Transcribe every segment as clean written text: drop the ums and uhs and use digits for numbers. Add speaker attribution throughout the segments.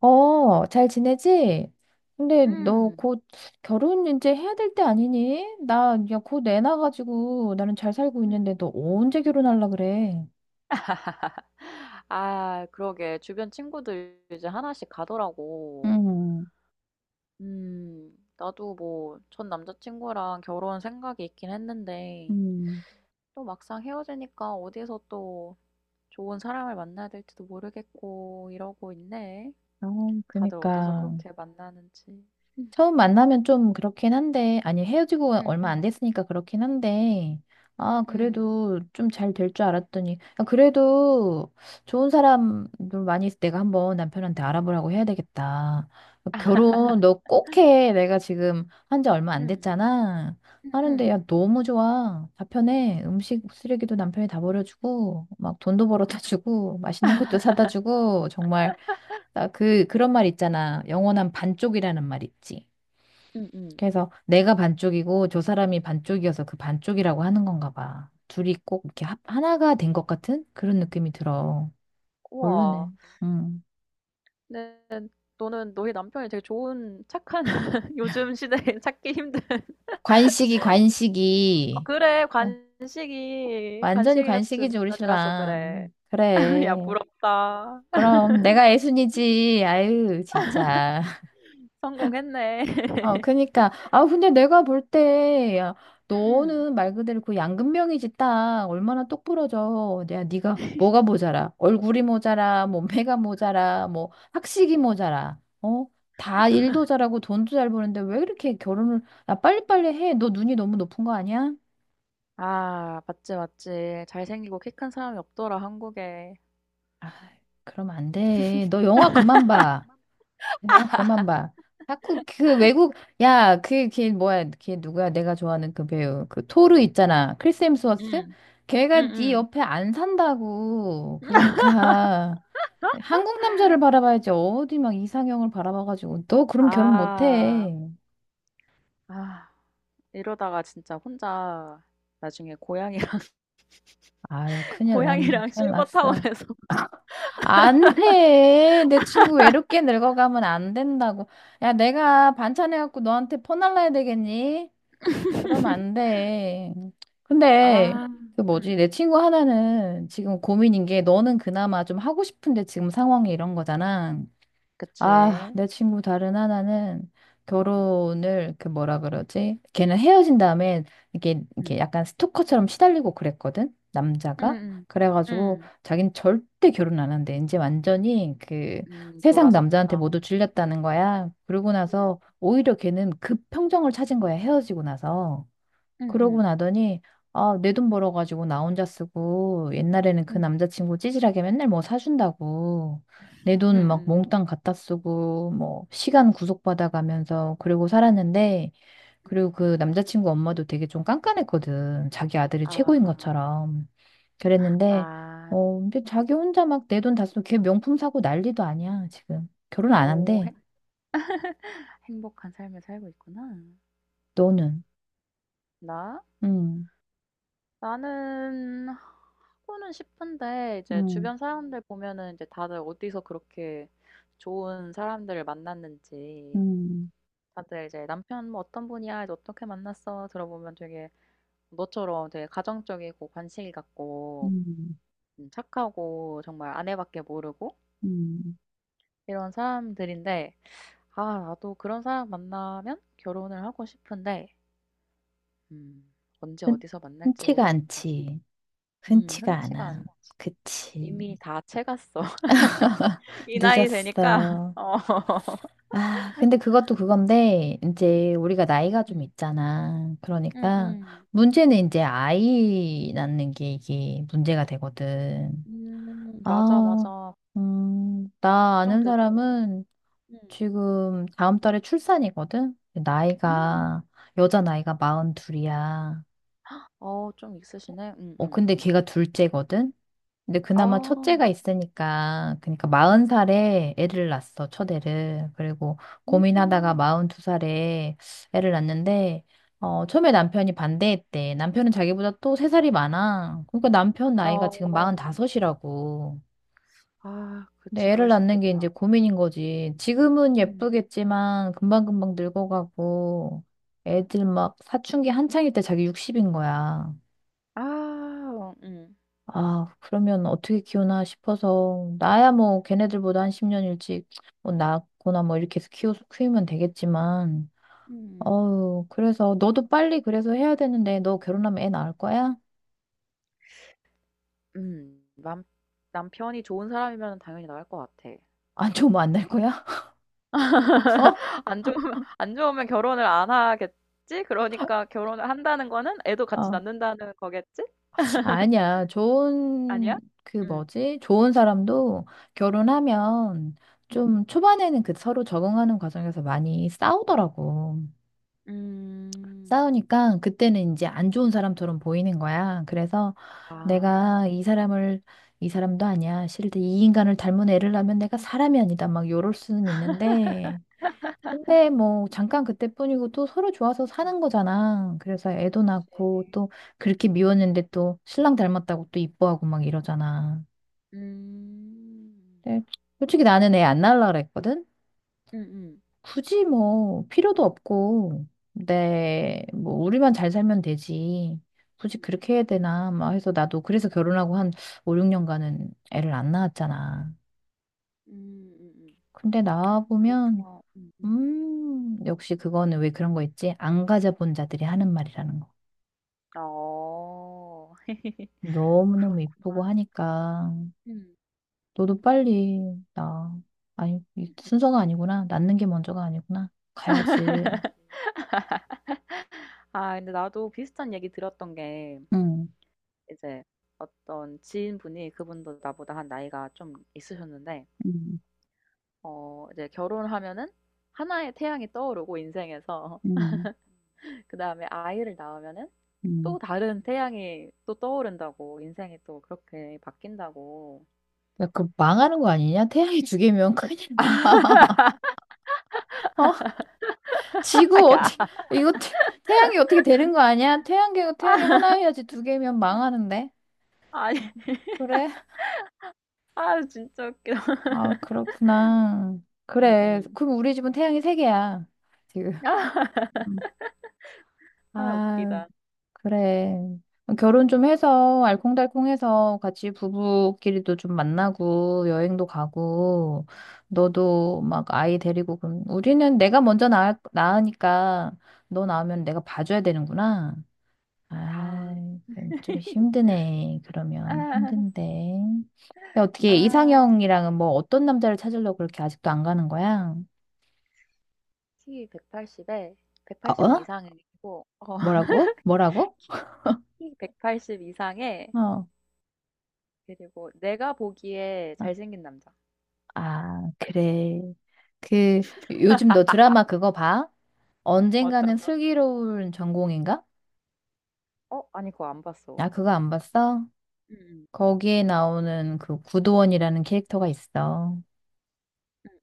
Speaker 1: 어, 잘 지내지? 근데 너
Speaker 2: 음,
Speaker 1: 곧 결혼 이제 해야 될 때 아니니? 나 야, 곧 애 낳아가지고 나는 잘 살고 있는데
Speaker 2: 음.
Speaker 1: 너 언제 결혼할라 그래?
Speaker 2: 아, 그러게. 주변 친구들 이제 하나씩 가더라고.
Speaker 1: 음,
Speaker 2: 나도 뭐, 전 남자친구랑 결혼 생각이 있긴 했는데,
Speaker 1: 음.
Speaker 2: 또 막상 헤어지니까 어디서 또 좋은 사람을 만나야 될지도 모르겠고, 이러고 있네.
Speaker 1: 어,
Speaker 2: 다들 어디서
Speaker 1: 그니까.
Speaker 2: 그렇게 만나는지. 음,
Speaker 1: 처음 만나면 좀 그렇긴 한데, 아니, 헤어지고
Speaker 2: 응,
Speaker 1: 얼마 안
Speaker 2: 응,
Speaker 1: 됐으니까 그렇긴 한데,
Speaker 2: 음,
Speaker 1: 아,
Speaker 2: 음,
Speaker 1: 그래도 좀 잘 될 줄 알았더니, 아, 그래도 좋은 사람들 많이 있어. 내가 한번 남편한테 알아보라고 해야 되겠다. 결혼 너 꼭 해. 내가 지금 한 지 얼마 안
Speaker 2: 응,
Speaker 1: 됐잖아.
Speaker 2: 응,
Speaker 1: 하는데,
Speaker 2: 응.
Speaker 1: 야, 너무 좋아. 다 편해. 음식 쓰레기도 남편이 다 버려주고, 막 돈도 벌어다 주고, 맛있는 것도 사다 주고, 정말, 나 그런 말 있잖아. 영원한 반쪽이라는 말 있지.
Speaker 2: 음, 음.
Speaker 1: 그래서 내가 반쪽이고 저 사람이 반쪽이어서 그 반쪽이라고 하는 건가 봐. 둘이 꼭 이렇게 하나가 된 것 같은 그런 느낌이 들어. 모르네.
Speaker 2: 우와.
Speaker 1: 음.
Speaker 2: 근데 너는 너희 남편이 되게 좋은, 착한, 요즘 시대에 찾기 힘든.
Speaker 1: 관식이,
Speaker 2: 어,
Speaker 1: 관식이.
Speaker 2: 그래,
Speaker 1: 어,
Speaker 2: 관식이,
Speaker 1: 완전히
Speaker 2: 관식이 같은
Speaker 1: 관식이지, 우리
Speaker 2: 남편이라서 그래.
Speaker 1: 신랑.
Speaker 2: 야,
Speaker 1: 그래.
Speaker 2: 부럽다.
Speaker 1: 그럼 내가 애순이지. 아유, 진짜.
Speaker 2: 성공했네.
Speaker 1: 어, 그니까. 아, 근데 내가 볼 때, 야,
Speaker 2: 응, 응.
Speaker 1: 너는 말 그대로 그 양금명이지 딱 얼마나 똑부러져. 야, 네가 뭐가 모자라. 얼굴이 모자라, 몸매가 모자라, 뭐, 학식이 모자라. 어? 다 일도 잘하고 돈도 잘 버는데 왜 이렇게 결혼을, 야, 빨리빨리 해. 너 눈이 너무 높은 거 아니야?
Speaker 2: 아, 맞지, 맞지. 잘생기고 키 큰 사람이 없더라, 한국에.
Speaker 1: 아, 그럼 안 돼. 너 영화 그만 봐. 영화 그만 봐. 자꾸 그 외국 야, 그 걔 뭐야? 걔 누구야? 내가 좋아하는 그 배우. 그 토르 있잖아. 크리스 햄스워스?
Speaker 2: 응, 응,
Speaker 1: 걔가 네
Speaker 2: 응.
Speaker 1: 옆에 안 산다고. 그러니까 한국 남자를 바라봐야지 어디 막 이상형을 바라봐가지고 너 그럼 결혼
Speaker 2: 아,
Speaker 1: 못해.
Speaker 2: 아, 이러다가 진짜 혼자 나중에 고양이랑,
Speaker 1: 아유, 큰일 났네,
Speaker 2: 고양이랑
Speaker 1: 큰일 났어.
Speaker 2: 실버타운에서.
Speaker 1: 안 돼. 내 친구 외롭게 늙어가면 안 된다고. 야, 내가 반찬 해갖고 너한테 퍼날라야 되겠니? 그러면 안 돼. 근데
Speaker 2: 아,
Speaker 1: 그
Speaker 2: 응,
Speaker 1: 뭐지? 내
Speaker 2: 응.
Speaker 1: 친구 하나는 지금 고민인 게 너는 그나마 좀 하고 싶은데 지금 상황이 이런 거잖아. 아,
Speaker 2: 그치.
Speaker 1: 내 친구 다른 하나는
Speaker 2: 음,
Speaker 1: 결혼을 그 뭐라 그러지? 걔는 헤어진 다음에 이게
Speaker 2: 응,
Speaker 1: 이게 약간 스토커처럼 시달리고 그랬거든. 남자가.
Speaker 2: 응,
Speaker 1: 그래가지고
Speaker 2: 응.
Speaker 1: 자기는 절대 결혼 안 한대. 이제 완전히 그 세상 남자한테
Speaker 2: 돌아섰구나.
Speaker 1: 모두 질렸다는 거야. 그러고
Speaker 2: 응
Speaker 1: 나서 오히려 걔는 급 평정을 찾은 거야. 헤어지고 나서.
Speaker 2: 음,
Speaker 1: 그러고
Speaker 2: 음,
Speaker 1: 나더니 아, 내 돈 벌어가지고 나 혼자 쓰고 옛날에는 그
Speaker 2: 음,
Speaker 1: 남자친구 찌질하게 맨날 뭐 사준다고 내 돈 막
Speaker 2: 음,
Speaker 1: 몽땅 갖다 쓰고 뭐 시간 구속받아가면서 그러고 살았는데
Speaker 2: 음.
Speaker 1: 그리고 그 남자친구 엄마도 되게 좀 깐깐했거든. 자기 아들이 최고인
Speaker 2: 아.
Speaker 1: 것처럼. 그랬는데
Speaker 2: 아.
Speaker 1: 어, 근데 자기 혼자 막 내 돈 다 쓰고 걔 명품 사고 난리도 아니야, 지금. 결혼 안
Speaker 2: 오
Speaker 1: 한대.
Speaker 2: 행 행복한 삶을 살고 있구나.
Speaker 1: 너는.
Speaker 2: 나?
Speaker 1: 음.
Speaker 2: 나는 하고는 싶은데 이제
Speaker 1: 음.
Speaker 2: 주변 사람들 보면은 이제 다들 어디서 그렇게 좋은 사람들을 만났는지,
Speaker 1: 음.
Speaker 2: 다들 이제 "남편 뭐 어떤 분이야. 이제 어떻게 만났어?" 들어보면 되게 너처럼 되게 가정적이고 관심이 갖고
Speaker 1: 음.
Speaker 2: 착하고 정말 아내밖에 모르고
Speaker 1: 음.
Speaker 2: 이런 사람들인데, 아 나도 그런 사람 만나면 결혼을 하고 싶은데. 음. 언제
Speaker 1: 흔,
Speaker 2: 어디서 만날지
Speaker 1: 흔치가
Speaker 2: 모르겠다.
Speaker 1: 않지.
Speaker 2: 음.
Speaker 1: 흔치가
Speaker 2: 흔치가
Speaker 1: 않아.
Speaker 2: 않지.
Speaker 1: 그치.
Speaker 2: 이미 다 채갔어. 이 나이 되니까.
Speaker 1: 늦었어.
Speaker 2: 어.
Speaker 1: 아, 근데 그것도 그건데, 이제 우리가 나이가 좀
Speaker 2: 음.
Speaker 1: 있잖아. 그러니까,
Speaker 2: 음음.
Speaker 1: 문제는 이제 아이 낳는 게 이게 문제가 되거든.
Speaker 2: 음. 맞아,
Speaker 1: 아,
Speaker 2: 맞아.
Speaker 1: 나 아는
Speaker 2: 걱정되더라.
Speaker 1: 사람은
Speaker 2: 음.
Speaker 1: 지금 다음 달에 출산이거든?
Speaker 2: 음.
Speaker 1: 나이가, 여자 나이가 42살이야.
Speaker 2: 어, 좀 있으시네.
Speaker 1: 어,
Speaker 2: 음음.
Speaker 1: 근데 걔가 둘째거든? 근데
Speaker 2: 아.
Speaker 1: 그나마 첫째가 있으니까, 그러니까 마흔
Speaker 2: 음.
Speaker 1: 살에 애를 낳았어, 첫애를. 그리고 고민하다가
Speaker 2: 음.
Speaker 1: 마흔 두 살에 애를 낳았는데, 어, 처음에 남편이 반대했대. 남편은 자기보다 또 세 살이 많아. 그러니까 남편 나이가 지금
Speaker 2: 어.
Speaker 1: 마흔 다섯이라고.
Speaker 2: 아, 그치.
Speaker 1: 근데 애를
Speaker 2: 그럴 수
Speaker 1: 낳는 게 이제
Speaker 2: 있겠다.
Speaker 1: 고민인 거지. 지금은
Speaker 2: 음.
Speaker 1: 예쁘겠지만, 금방금방 늙어가고, 애들 막 사춘기 한창일 때 자기 60인 거야.
Speaker 2: 아 어
Speaker 1: 아, 그러면 어떻게 키우나 싶어서, 나야
Speaker 2: 음.
Speaker 1: 뭐 걔네들보다 한 10년 일찍 뭐 낳거나 뭐 이렇게 해서 키우면 되겠지만,
Speaker 2: 음.
Speaker 1: 어우, 그래서 너도 빨리 그래서 해야 되는데, 너 결혼하면 애 낳을 거야?
Speaker 2: 음. 남 남편이 좋은 사람이면 당연히 나갈 것 같아.
Speaker 1: 안 좋으면 안 낳을 거야?
Speaker 2: 안 좋으면, 안 좋으면 결혼을 안 하겠지? 그러니까 결혼을 한다는 거는 애도
Speaker 1: 어?
Speaker 2: 같이
Speaker 1: 어.
Speaker 2: 낳는다는 거겠지?
Speaker 1: 아니야. 좋은,
Speaker 2: 아니야?
Speaker 1: 그
Speaker 2: 응.
Speaker 1: 뭐지? 좋은 사람도 결혼하면
Speaker 2: 음.
Speaker 1: 좀 초반에는 그 서로 적응하는 과정에서 많이 싸우더라고.
Speaker 2: 음.
Speaker 1: 싸우니까 그때는 이제 안 좋은 사람처럼 보이는 거야. 그래서
Speaker 2: 아,
Speaker 1: 내가 이 사람도 아니야. 싫은데 이 인간을 닮은 애를 낳으면 내가 사람이 아니다. 막 요럴 수는 있는데. 근데 뭐 잠깐 그때뿐이고 또 서로 좋아서
Speaker 2: 음.
Speaker 1: 사는 거잖아. 그래서 애도 낳고
Speaker 2: 그치.
Speaker 1: 또 그렇게 미웠는데 또 신랑 닮았다고 또 이뻐하고 막 이러잖아.
Speaker 2: 음.
Speaker 1: 근데 솔직히 나는 애 안 낳으려고 그랬거든.
Speaker 2: 음. 음.
Speaker 1: 굳이 뭐 필요도 없고
Speaker 2: 음.
Speaker 1: 내 뭐 우리만 잘 살면 되지. 굳이
Speaker 2: 음.
Speaker 1: 그렇게 해야 되나 막 해서 나도 그래서 결혼하고 한 5, 6년간은 애를 안 낳았잖아.
Speaker 2: 음. 음. 음.
Speaker 1: 근데 낳아 보면
Speaker 2: 그렇구나. 음. 음.
Speaker 1: 역시 그거는 왜 그런 거 있지? 안 가져본 자들이 하는 말이라는 거.
Speaker 2: 어,
Speaker 1: 너무너무 이쁘고
Speaker 2: 그렇구나.
Speaker 1: 하니까
Speaker 2: 음.
Speaker 1: 너도 빨리 나 아니 이 순서가 아니구나. 낳는 게 먼저가 아니구나. 가야지.
Speaker 2: 아, 근데 나도 비슷한 얘기 들었던 게,
Speaker 1: 응.
Speaker 2: 이제 어떤 지인분이 그분도 나보다 한 나이가 좀 있으셨는데,
Speaker 1: 응.
Speaker 2: 어 이제 결혼하면은 하나의 태양이 떠오르고 인생에서
Speaker 1: 응.
Speaker 2: 그다음에 아이를 낳으면은
Speaker 1: 응.
Speaker 2: 또 다른 태양이 또 떠오른다고, 인생이 또 그렇게 바뀐다고.
Speaker 1: 야, 그 망하는 거 아니냐? 태양이 두 개면 큰일 나. 어? 지구
Speaker 2: 야.
Speaker 1: 어떻게 이거 태양이 어떻게 되는 거 아니야? 태양계가 태양이 하나여야지 2개면 망하는데.
Speaker 2: 아니
Speaker 1: 어, 그래?
Speaker 2: 아 진짜 웃기
Speaker 1: 아, 그렇구나. 그래.
Speaker 2: 음음.
Speaker 1: 그럼 우리 집은 태양이 3개야. 지금.
Speaker 2: 아,
Speaker 1: 음.
Speaker 2: 아
Speaker 1: 아,
Speaker 2: 웃기다.
Speaker 1: 그래. 어, 결혼 좀
Speaker 2: 음음.
Speaker 1: 해서
Speaker 2: 음.
Speaker 1: 알콩달콩해서 같이 부부끼리도 좀 만나고 여행도 가고
Speaker 2: 음음.
Speaker 1: 너도 막 아이 데리고 그럼 우리는 내가 먼저 낳으니까 너 낳으면
Speaker 2: 음.
Speaker 1: 내가 봐줘야 되는구나.
Speaker 2: 아.
Speaker 1: 아, 그럼 좀 힘드네. 그러면
Speaker 2: 아.
Speaker 1: 힘든데. 근데 어떻게
Speaker 2: 아.
Speaker 1: 이상형이랑은 뭐 어떤 남자를 찾으려고 그렇게 아직도 안 가는 거야?
Speaker 2: 키 180에, 180은
Speaker 1: 어?
Speaker 2: 이상이고 어
Speaker 1: 뭐라고? 뭐라고?
Speaker 2: 키 키 180 이상에,
Speaker 1: 어.
Speaker 2: 그리고 내가 보기에 잘생긴 남자.
Speaker 1: 아, 그래. 그, 요즘 너 드라마 그거 봐? 언젠가는
Speaker 2: 어떤가?
Speaker 1: 슬기로운 전공인가?
Speaker 2: 어? 아니 그거 안 봤어.
Speaker 1: 나 그거 안 봤어?
Speaker 2: 음음.
Speaker 1: 거기에 나오는 그 구도원이라는 캐릭터가 있어.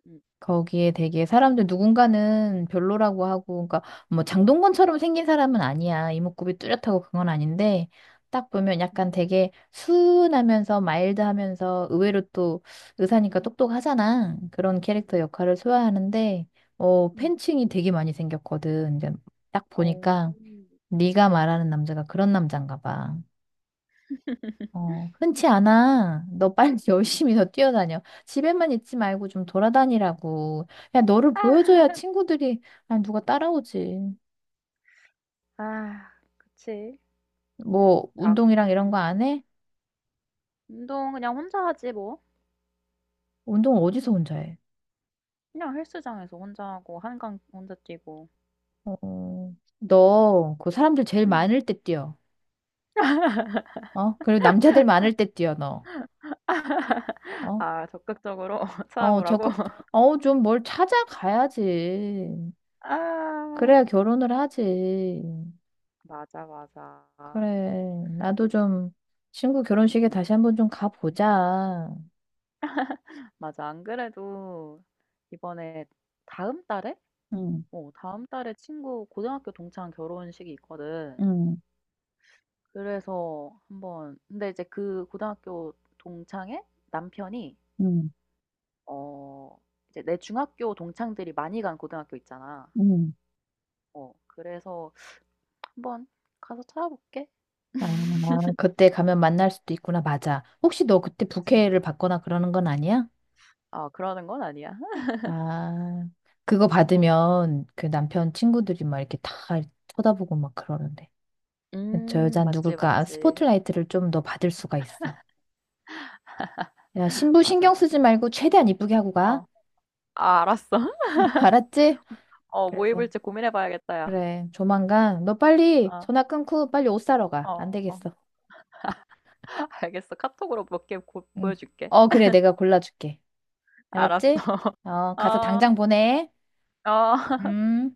Speaker 2: 음음.
Speaker 1: 거기에 되게 사람들 누군가는 별로라고 하고, 그러니까 뭐 장동건처럼 생긴 사람은 아니야. 이목구비 뚜렷하고 그건 아닌데, 딱 보면
Speaker 2: 음.
Speaker 1: 약간 되게 순하면서 마일드하면서 의외로 또 의사니까 똑똑하잖아. 그런 캐릭터 역할을 소화하는데, 어,
Speaker 2: 음 음.
Speaker 1: 팬층이 되게 많이 생겼거든. 이제 딱
Speaker 2: 오. 어.
Speaker 1: 보니까 네가 말하는 남자가 그런 남잔가 봐. 어, 흔치 않아. 너 빨리 열심히 더 뛰어다녀. 집에만 있지 말고 좀 돌아다니라고. 야, 너를
Speaker 2: 아
Speaker 1: 보여줘야 친구들이, 아, 누가 따라오지.
Speaker 2: 아, 그치.
Speaker 1: 뭐,
Speaker 2: 나.
Speaker 1: 운동이랑 이런 거
Speaker 2: 음.
Speaker 1: 안 해?
Speaker 2: 운동 그냥 혼자 하지 뭐.
Speaker 1: 운동 어디서 혼자 해?
Speaker 2: 그냥 헬스장에서 혼자 하고 한강 혼자 뛰고.
Speaker 1: 어, 어.
Speaker 2: 응
Speaker 1: 너, 그 사람들 제일 많을
Speaker 2: 음음.
Speaker 1: 때 뛰어. 어? 그리고 남자들 많을 때 뛰어, 너. 어?
Speaker 2: 아 적극적으로
Speaker 1: 어,
Speaker 2: 찾아보라고?
Speaker 1: 어, 좀 뭘 찾아가야지.
Speaker 2: 아,
Speaker 1: 그래야 결혼을 하지.
Speaker 2: 맞아, 맞아.
Speaker 1: 그래. 나도 좀 친구
Speaker 2: 음.
Speaker 1: 결혼식에 다시 한번 좀 가보자.
Speaker 2: 맞아. 안 그래도 이번에 다음 달에?
Speaker 1: 응,
Speaker 2: 어 다음 달에 친구 고등학교 동창 결혼식이 있거든.
Speaker 1: 응,
Speaker 2: 그래서 한번, 근데 이제 그 고등학교 동창의 남편이
Speaker 1: 응,
Speaker 2: 어 이제 내 중학교 동창들이 많이 간 고등학교 있잖아.
Speaker 1: 응.
Speaker 2: 어 그래서 "한번 가서 찾아볼게."
Speaker 1: 아, 그때 가면 만날 수도 있구나. 맞아. 혹시 너 그때
Speaker 2: 그치.
Speaker 1: 부케를 받거나 그러는 건 아니야?
Speaker 2: 아 그러는 건 아니야.
Speaker 1: 아, 그거
Speaker 2: 한번
Speaker 1: 받으면 그
Speaker 2: 음음.
Speaker 1: 남편 친구들이 막 이렇게 다 쳐다보고 막 그러는데. 저
Speaker 2: 음
Speaker 1: 여자는
Speaker 2: 맞지,
Speaker 1: 누굴까? 아,
Speaker 2: 맞지.
Speaker 1: 스포트라이트를 좀 더 받을 수가 있어. 야, 신부
Speaker 2: 맞아,
Speaker 1: 신경 쓰지
Speaker 2: 맞아.
Speaker 1: 말고 최대한 이쁘게 하고 가.
Speaker 2: 어. 아 알았어.
Speaker 1: 알았지?
Speaker 2: 어 뭐
Speaker 1: 그래서.
Speaker 2: 입을지 고민해 봐야겠다 야.
Speaker 1: 그래, 조만간 너 빨리
Speaker 2: 어.
Speaker 1: 전화 끊고 빨리 옷 사러 가. 안
Speaker 2: 어.
Speaker 1: 되겠어.
Speaker 2: 알겠어. 카톡으로 몇 개 곧
Speaker 1: 응.
Speaker 2: 보여줄게.
Speaker 1: 어, 그래, 내가 골라줄게.
Speaker 2: 알았어.
Speaker 1: 알았지? 어, 가서
Speaker 2: 어.
Speaker 1: 당장 보내.
Speaker 2: 어.
Speaker 1: 음.